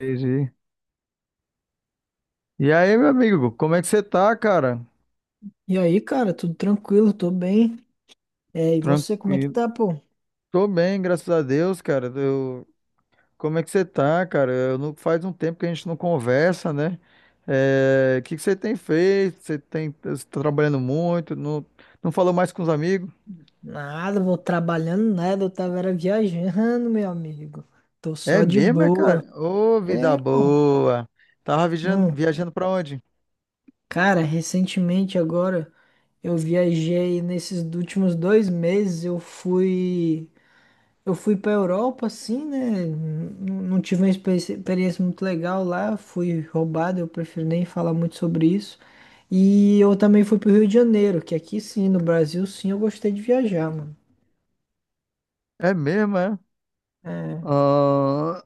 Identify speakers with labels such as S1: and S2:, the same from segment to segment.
S1: Entendi. E aí, meu amigo, como é que você tá, cara?
S2: E aí, cara, tudo tranquilo, tô bem. É, e você, como é que
S1: Tranquilo.
S2: tá, pô?
S1: Tô bem, graças a Deus, cara. Como é que você tá, cara? Eu não... Faz um tempo que a gente não conversa, né? O que que você tem feito? Você tá trabalhando muito? Não... não falou mais com os amigos?
S2: Nada, vou trabalhando nada, eu tava era viajando, meu amigo. Tô
S1: É
S2: só de
S1: mesmo, é, cara?
S2: boa.
S1: Ô, vida
S2: É, pô.
S1: boa! Tava viajando,
S2: Hum,
S1: viajando pra onde?
S2: cara, recentemente agora eu viajei nesses últimos 2 meses, eu fui pra Europa, assim, né? Não, não tive uma experiência muito legal lá, fui roubado, eu prefiro nem falar muito sobre isso. E eu também fui pro Rio de Janeiro, que aqui sim, no Brasil, sim, eu gostei de viajar, mano.
S1: É mesmo, é?
S2: É,
S1: Ah,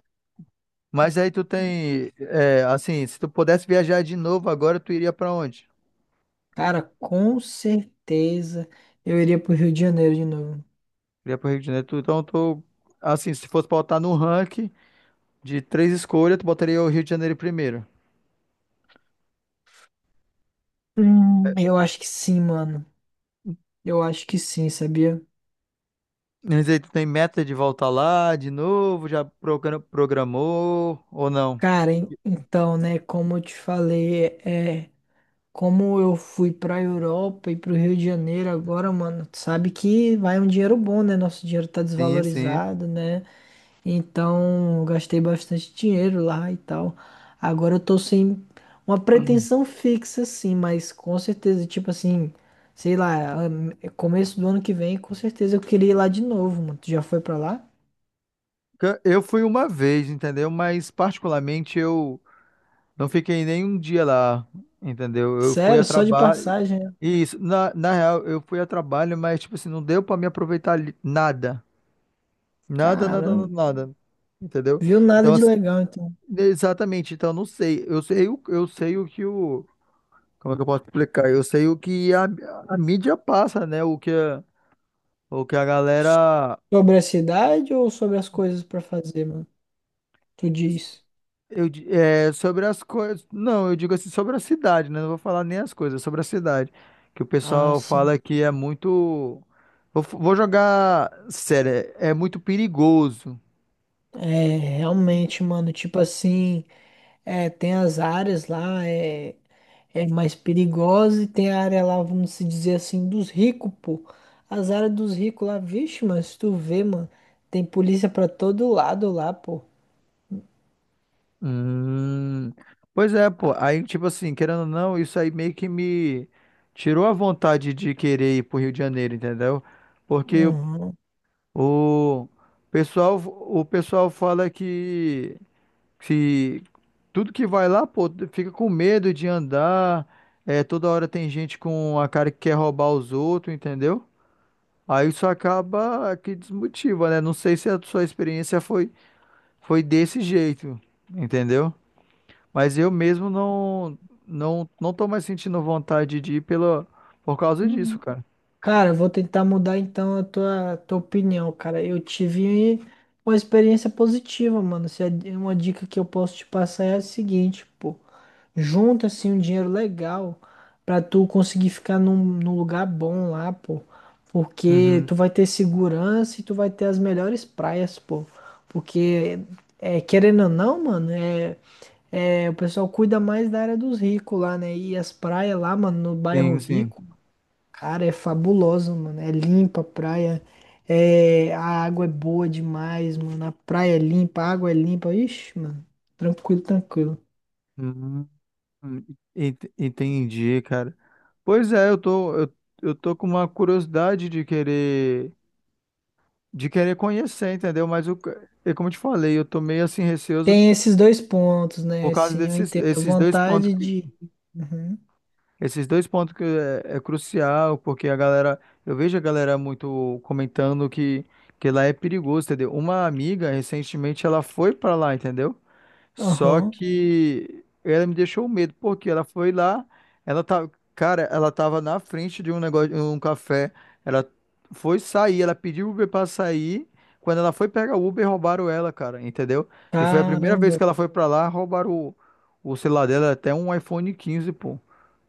S1: Mas aí é, assim, se tu pudesse viajar de novo agora, tu iria pra onde?
S2: cara, com certeza eu iria pro Rio de Janeiro de novo.
S1: Iria pro Rio de Janeiro. Então, tu, assim, se fosse botar no ranking de três escolhas, tu botaria o Rio de Janeiro primeiro.
S2: Eu acho que sim, mano. Eu acho que sim, sabia?
S1: Mas aí tu tem meta de voltar lá de novo? Programou ou não?
S2: Cara, então, né, como eu te falei, é. Como eu fui pra Europa e pro Rio de Janeiro agora, mano, tu sabe que vai um dinheiro bom, né? Nosso dinheiro tá
S1: Sim, sim.
S2: desvalorizado, né? Então, eu gastei bastante dinheiro lá e tal. Agora eu tô sem uma pretensão fixa, assim, mas com certeza, tipo assim, sei lá, começo do ano que vem, com certeza eu queria ir lá de novo, mano. Tu já foi pra lá?
S1: Eu fui uma vez, entendeu? Mas particularmente eu não fiquei nem um dia lá, entendeu? Eu fui a
S2: Sério, só de
S1: trabalho.
S2: passagem, né?
S1: Isso, na real, eu fui a trabalho, mas tipo assim, não deu pra me aproveitar nada. Nada, nada, nada,
S2: Caramba,
S1: nada. Entendeu?
S2: viu nada
S1: Então,
S2: de
S1: assim,
S2: legal, então.
S1: exatamente, então eu não sei. Eu sei o que o. Como é que eu posso explicar? Eu sei o que a mídia passa, né? O que a galera.
S2: Sobre a cidade ou sobre as coisas pra fazer, mano? Tu diz.
S1: É, sobre as coisas. Não, eu digo assim, sobre a cidade, né? Não vou falar nem as coisas, sobre a cidade. Que o
S2: Ah,
S1: pessoal
S2: sim.
S1: fala que é muito. Vou jogar. Sério, é muito perigoso.
S2: É, realmente, mano, tipo assim, é, tem as áreas lá, é mais perigosa e tem a área lá, vamos se dizer assim, dos ricos, pô. As áreas dos ricos lá, vixe, mano, se tu vê, mano, tem polícia pra todo lado lá, pô.
S1: Hum, pois é, pô.
S2: Ah,
S1: Aí, tipo assim, querendo ou não, isso aí meio que me tirou a vontade de querer ir pro Rio de Janeiro, entendeu? Porque
S2: uhum.
S1: o o pessoal fala que tudo que vai lá, pô, fica com medo de andar. É, toda hora tem gente com a cara que quer roubar os outros, entendeu? Aí isso acaba que desmotiva, né? Não sei se a sua experiência foi desse jeito, entendeu? Mas eu mesmo não tô mais sentindo vontade de ir pela por causa disso,
S2: Hum.
S1: cara.
S2: Cara, eu vou tentar mudar então a tua opinião, cara. Eu tive uma experiência positiva, mano. Se é uma dica que eu posso te passar é a seguinte, pô. Junta assim um dinheiro legal pra tu conseguir ficar num lugar bom lá, pô. Porque
S1: Uhum.
S2: tu vai ter segurança e tu vai ter as melhores praias, pô. Porque, é, querendo ou não, mano, é, o pessoal cuida mais da área dos ricos lá, né? E as praias lá, mano, no bairro
S1: Sim, sim.
S2: rico, cara, é fabuloso, mano. É limpa a praia, é, a água é boa demais, mano. A praia é limpa, a água é limpa. Ixi, mano, tranquilo, tranquilo.
S1: Hum, entendi, cara. Pois é, eu tô com uma curiosidade de querer conhecer, entendeu? Mas eu, é como eu te falei, eu tô meio assim receoso
S2: Tem esses dois pontos, né?
S1: por causa
S2: Assim, eu
S1: desses
S2: entendo. A
S1: esses dois pontos.
S2: vontade de. Uhum.
S1: Esses dois pontos que é, é crucial, porque a galera, eu vejo a galera muito comentando que lá é perigoso, entendeu? Uma amiga, recentemente, ela foi pra lá, entendeu? Só
S2: Aham.
S1: que ela me deixou medo, porque ela foi lá, ela tá, cara, ela tava na frente de um negócio, um café, ela foi sair, ela pediu o Uber pra sair, quando ela foi pegar o Uber, roubaram ela, cara, entendeu? E foi a primeira vez
S2: Caramba.
S1: que ela foi pra lá, roubaram o celular dela, até um iPhone 15, pô.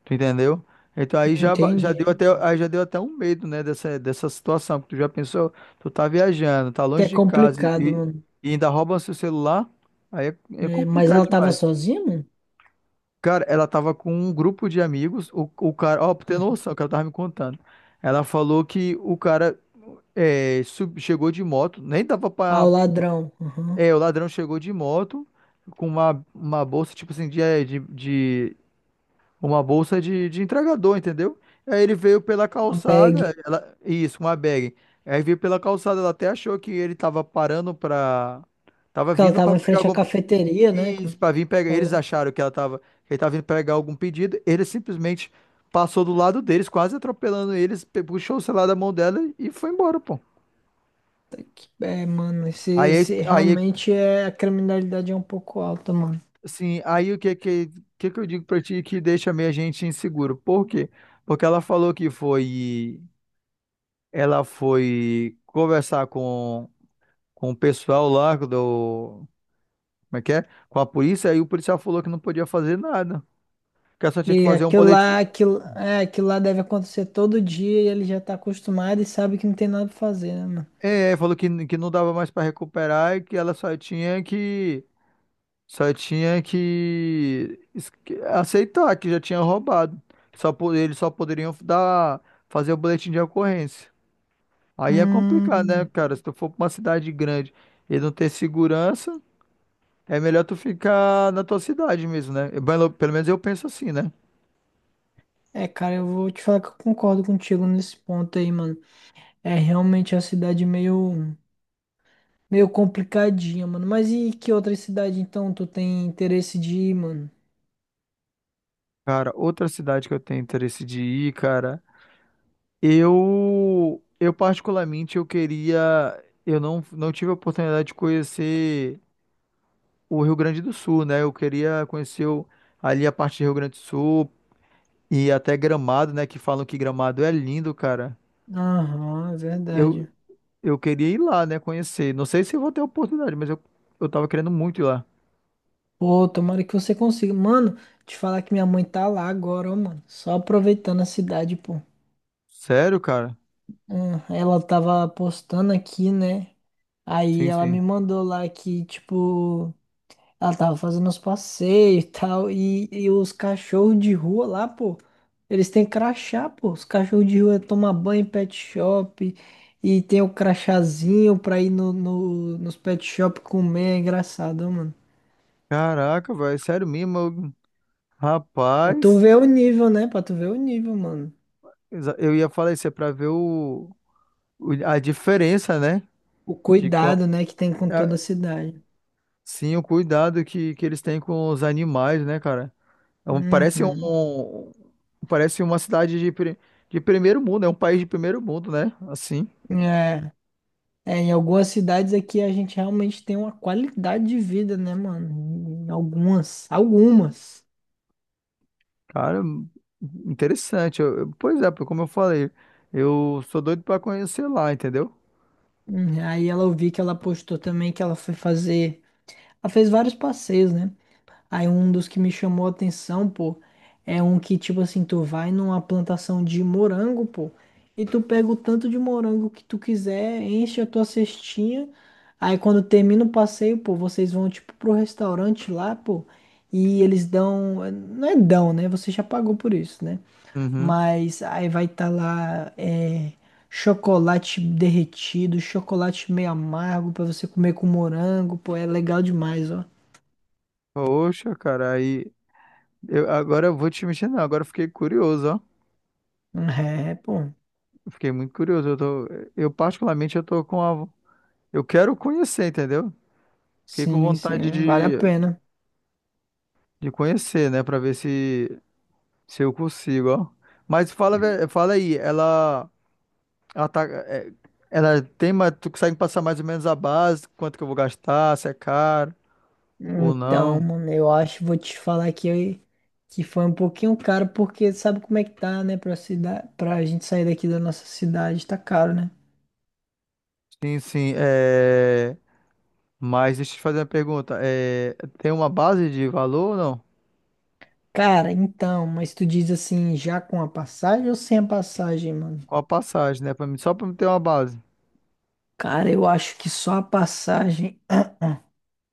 S1: Tu entendeu? Então aí já
S2: Entendi.
S1: deu até, aí já deu até um medo, né, dessa situação, porque tu já pensou, tu tá viajando, tá
S2: Que
S1: longe
S2: é
S1: de casa
S2: complicado, mano.
S1: e ainda roubam seu celular, aí é
S2: É, mas
S1: complicado
S2: ela tava
S1: demais.
S2: sozinha, mano?
S1: Cara, ela tava com um grupo de amigos, o cara, ó, pra ter
S2: Ah,
S1: noção, que ela tava me contando. Ela falou que o cara chegou de moto, nem dava
S2: Ah, o
S1: pra.
S2: ladrão. Aham.
S1: É, o ladrão chegou de moto com uma bolsa, tipo assim, uma bolsa de entregador, entendeu? Aí ele veio pela
S2: A
S1: calçada,
S2: bag.
S1: isso, uma bag. Aí veio pela calçada, ela até achou que ele tava parando pra. Tava
S2: Porque ela
S1: vindo
S2: tava
S1: pra
S2: em
S1: pegar
S2: frente à
S1: algum.
S2: cafeteria, né? Como
S1: Isso,
S2: tu
S1: pra vir pegar. Eles
S2: falou.
S1: acharam que ela tava. Que ele tava vindo pegar algum pedido. Ele simplesmente passou do lado deles, quase atropelando eles, puxou o celular da mão dela e foi embora, pô.
S2: É, mano, esse,
S1: Aí, a ex-
S2: esse
S1: aí,
S2: realmente é. A criminalidade é um pouco alta, mano.
S1: assim, aí que eu digo pra ti que deixa meio a gente inseguro? Por quê? Porque ela falou que foi. Ela foi conversar com o pessoal lá do. Como é que é? Com a polícia, aí o policial falou que não podia fazer nada. Que ela só tinha que
S2: E
S1: fazer um boletim.
S2: aquilo lá deve acontecer todo dia e ele já tá acostumado e sabe que não tem nada pra fazer, né, mano?
S1: Falou que não dava mais para recuperar e que ela só tinha que. Só tinha que que aceitar que já tinha roubado. Eles só poderiam dar, fazer o boletim de ocorrência. Aí é complicado, né,
S2: Hum.
S1: cara? Se tu for pra uma cidade grande e não ter segurança. É melhor tu ficar na tua cidade mesmo, né? Pelo menos eu penso assim, né?
S2: É, cara, eu vou te falar que eu concordo contigo nesse ponto aí, mano. É realmente a cidade meio complicadinha, mano. Mas e que outra cidade, então, tu tem interesse de ir, mano?
S1: Cara, outra cidade que eu tenho interesse de ir, cara, eu particularmente eu queria, eu não tive a oportunidade de conhecer o Rio Grande do Sul, né? Eu queria conhecer ali a parte do Rio Grande do Sul e até Gramado, né, que falam que Gramado é lindo, cara.
S2: Aham, é
S1: Eu
S2: verdade.
S1: eu queria ir lá, né, conhecer. Não sei se eu vou ter a oportunidade, mas eu tava querendo muito ir lá.
S2: Pô, tomara que você consiga. Mano, te falar que minha mãe tá lá agora, ó, mano. Só aproveitando a cidade, pô.
S1: Sério, cara?
S2: Ela tava postando aqui, né? Aí
S1: Sim,
S2: ela me
S1: sim.
S2: mandou lá que, tipo. Ela tava fazendo os passeios e tal. E os cachorros de rua lá, pô, eles têm crachá, pô. Os cachorros de rua tomam banho em pet shop. E tem o crachazinho pra ir nos pet shop comer. É engraçado, ó, mano.
S1: Caraca, velho, é sério mesmo?
S2: Pra tu
S1: Rapaz,
S2: ver o nível, né? Pra tu ver o nível, mano.
S1: eu ia falar isso, é pra ver a diferença, né?
S2: O
S1: De co-
S2: cuidado, né, que tem com toda
S1: a-
S2: a cidade.
S1: sim, o cuidado que eles têm com os animais, né, cara? Parece
S2: Uhum.
S1: parece uma cidade de primeiro mundo, é um país de primeiro mundo, né? Assim,
S2: É. É, em algumas cidades aqui a gente realmente tem uma qualidade de vida, né, mano? Em algumas.
S1: cara, interessante. Pois é, como eu falei, eu sou doido pra conhecer lá, entendeu?
S2: Aí ela ouvi que ela postou também que ela foi fazer. Ela fez vários passeios, né? Aí um dos que me chamou a atenção, pô, é um que, tipo assim, tu vai numa plantação de morango, pô, e tu pega o tanto de morango que tu quiser, enche a tua cestinha. Aí quando termina o passeio, pô, vocês vão, tipo, pro restaurante lá, pô, e eles dão. Não é dão, né? Você já pagou por isso, né?
S1: Uhum.
S2: Mas aí vai estar lá é, chocolate derretido, chocolate meio amargo pra você comer com morango, pô, é legal demais, ó.
S1: Poxa, cara, agora eu vou te mentir, não, agora eu fiquei curioso, ó.
S2: É, pô.
S1: Eu fiquei muito curioso. Eu particularmente eu tô com eu quero conhecer, entendeu? Fiquei com
S2: Sim,
S1: vontade
S2: sim, vale a pena.
S1: de conhecer, né, pra ver se eu consigo, ó. Mas fala aí, ela tá é, ela tem, mas tu consegue passar mais ou menos a base, quanto que eu vou gastar, se é caro ou
S2: Então,
S1: não?
S2: mano, eu acho, vou te falar que foi um pouquinho caro, porque sabe como é que tá, né? Pra gente sair daqui da nossa cidade, tá caro, né?
S1: Sim, sim, é, mas deixa eu te fazer uma pergunta. É, tem uma base de valor ou não?
S2: Cara, então, mas tu diz assim, já com a passagem ou sem a passagem, mano?
S1: Qual a passagem, né, pra mim, só pra me ter uma base.
S2: Cara, eu acho que só a passagem.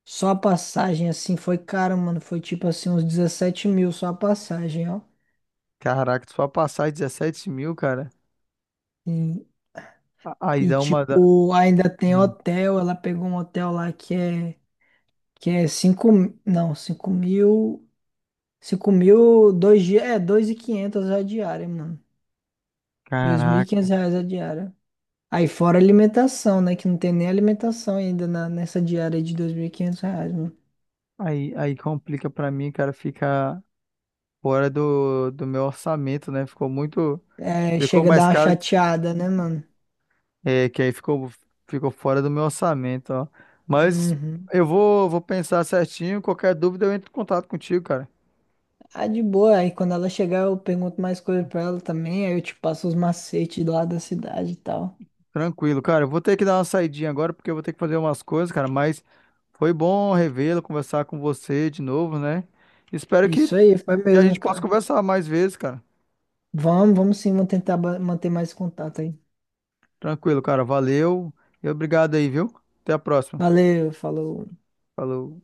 S2: Só a passagem, assim, foi cara, mano. Foi tipo assim, uns 17 mil só a passagem, ó.
S1: Caraca, só a passagem 17 mil, cara.
S2: E,
S1: A- Aí
S2: e,
S1: dá uma. Da-
S2: tipo, ainda tem
S1: Hum,
S2: hotel. Ela pegou um hotel lá que é 5 não, cinco mil, 2 dias, é, 2.500 a diária, mano. dois mil e
S1: Caraca.
S2: quinhentos reais a diária. Aí fora alimentação, né? Que não tem nem alimentação ainda nessa diária de R$ 2.500, mano.
S1: Aí complica pra mim, cara, fica fora do meu orçamento, né? Ficou muito.
S2: É,
S1: Ficou
S2: chega a dar
S1: mais
S2: uma
S1: caro que-
S2: chateada, né, mano?
S1: é, que aí ficou, ficou fora do meu orçamento, ó. Mas
S2: Uhum.
S1: eu vou pensar certinho. Qualquer dúvida eu entro em contato contigo, cara.
S2: Ah, de boa. Aí quando ela chegar, eu pergunto mais coisa pra ela também. Aí eu te passo os macetes lá da cidade e tal.
S1: Tranquilo, cara. Eu vou ter que dar uma saidinha agora porque eu vou ter que fazer umas coisas, cara. Mas foi bom revê-lo, conversar com você de novo, né? Espero que
S2: Isso aí, foi
S1: a
S2: mesmo,
S1: gente possa
S2: cara.
S1: conversar mais vezes, cara.
S2: Vamos, vamos sim, vamos tentar manter mais contato aí.
S1: Tranquilo, cara. Valeu e obrigado aí, viu? Até a próxima.
S2: Valeu, falou.
S1: Falou.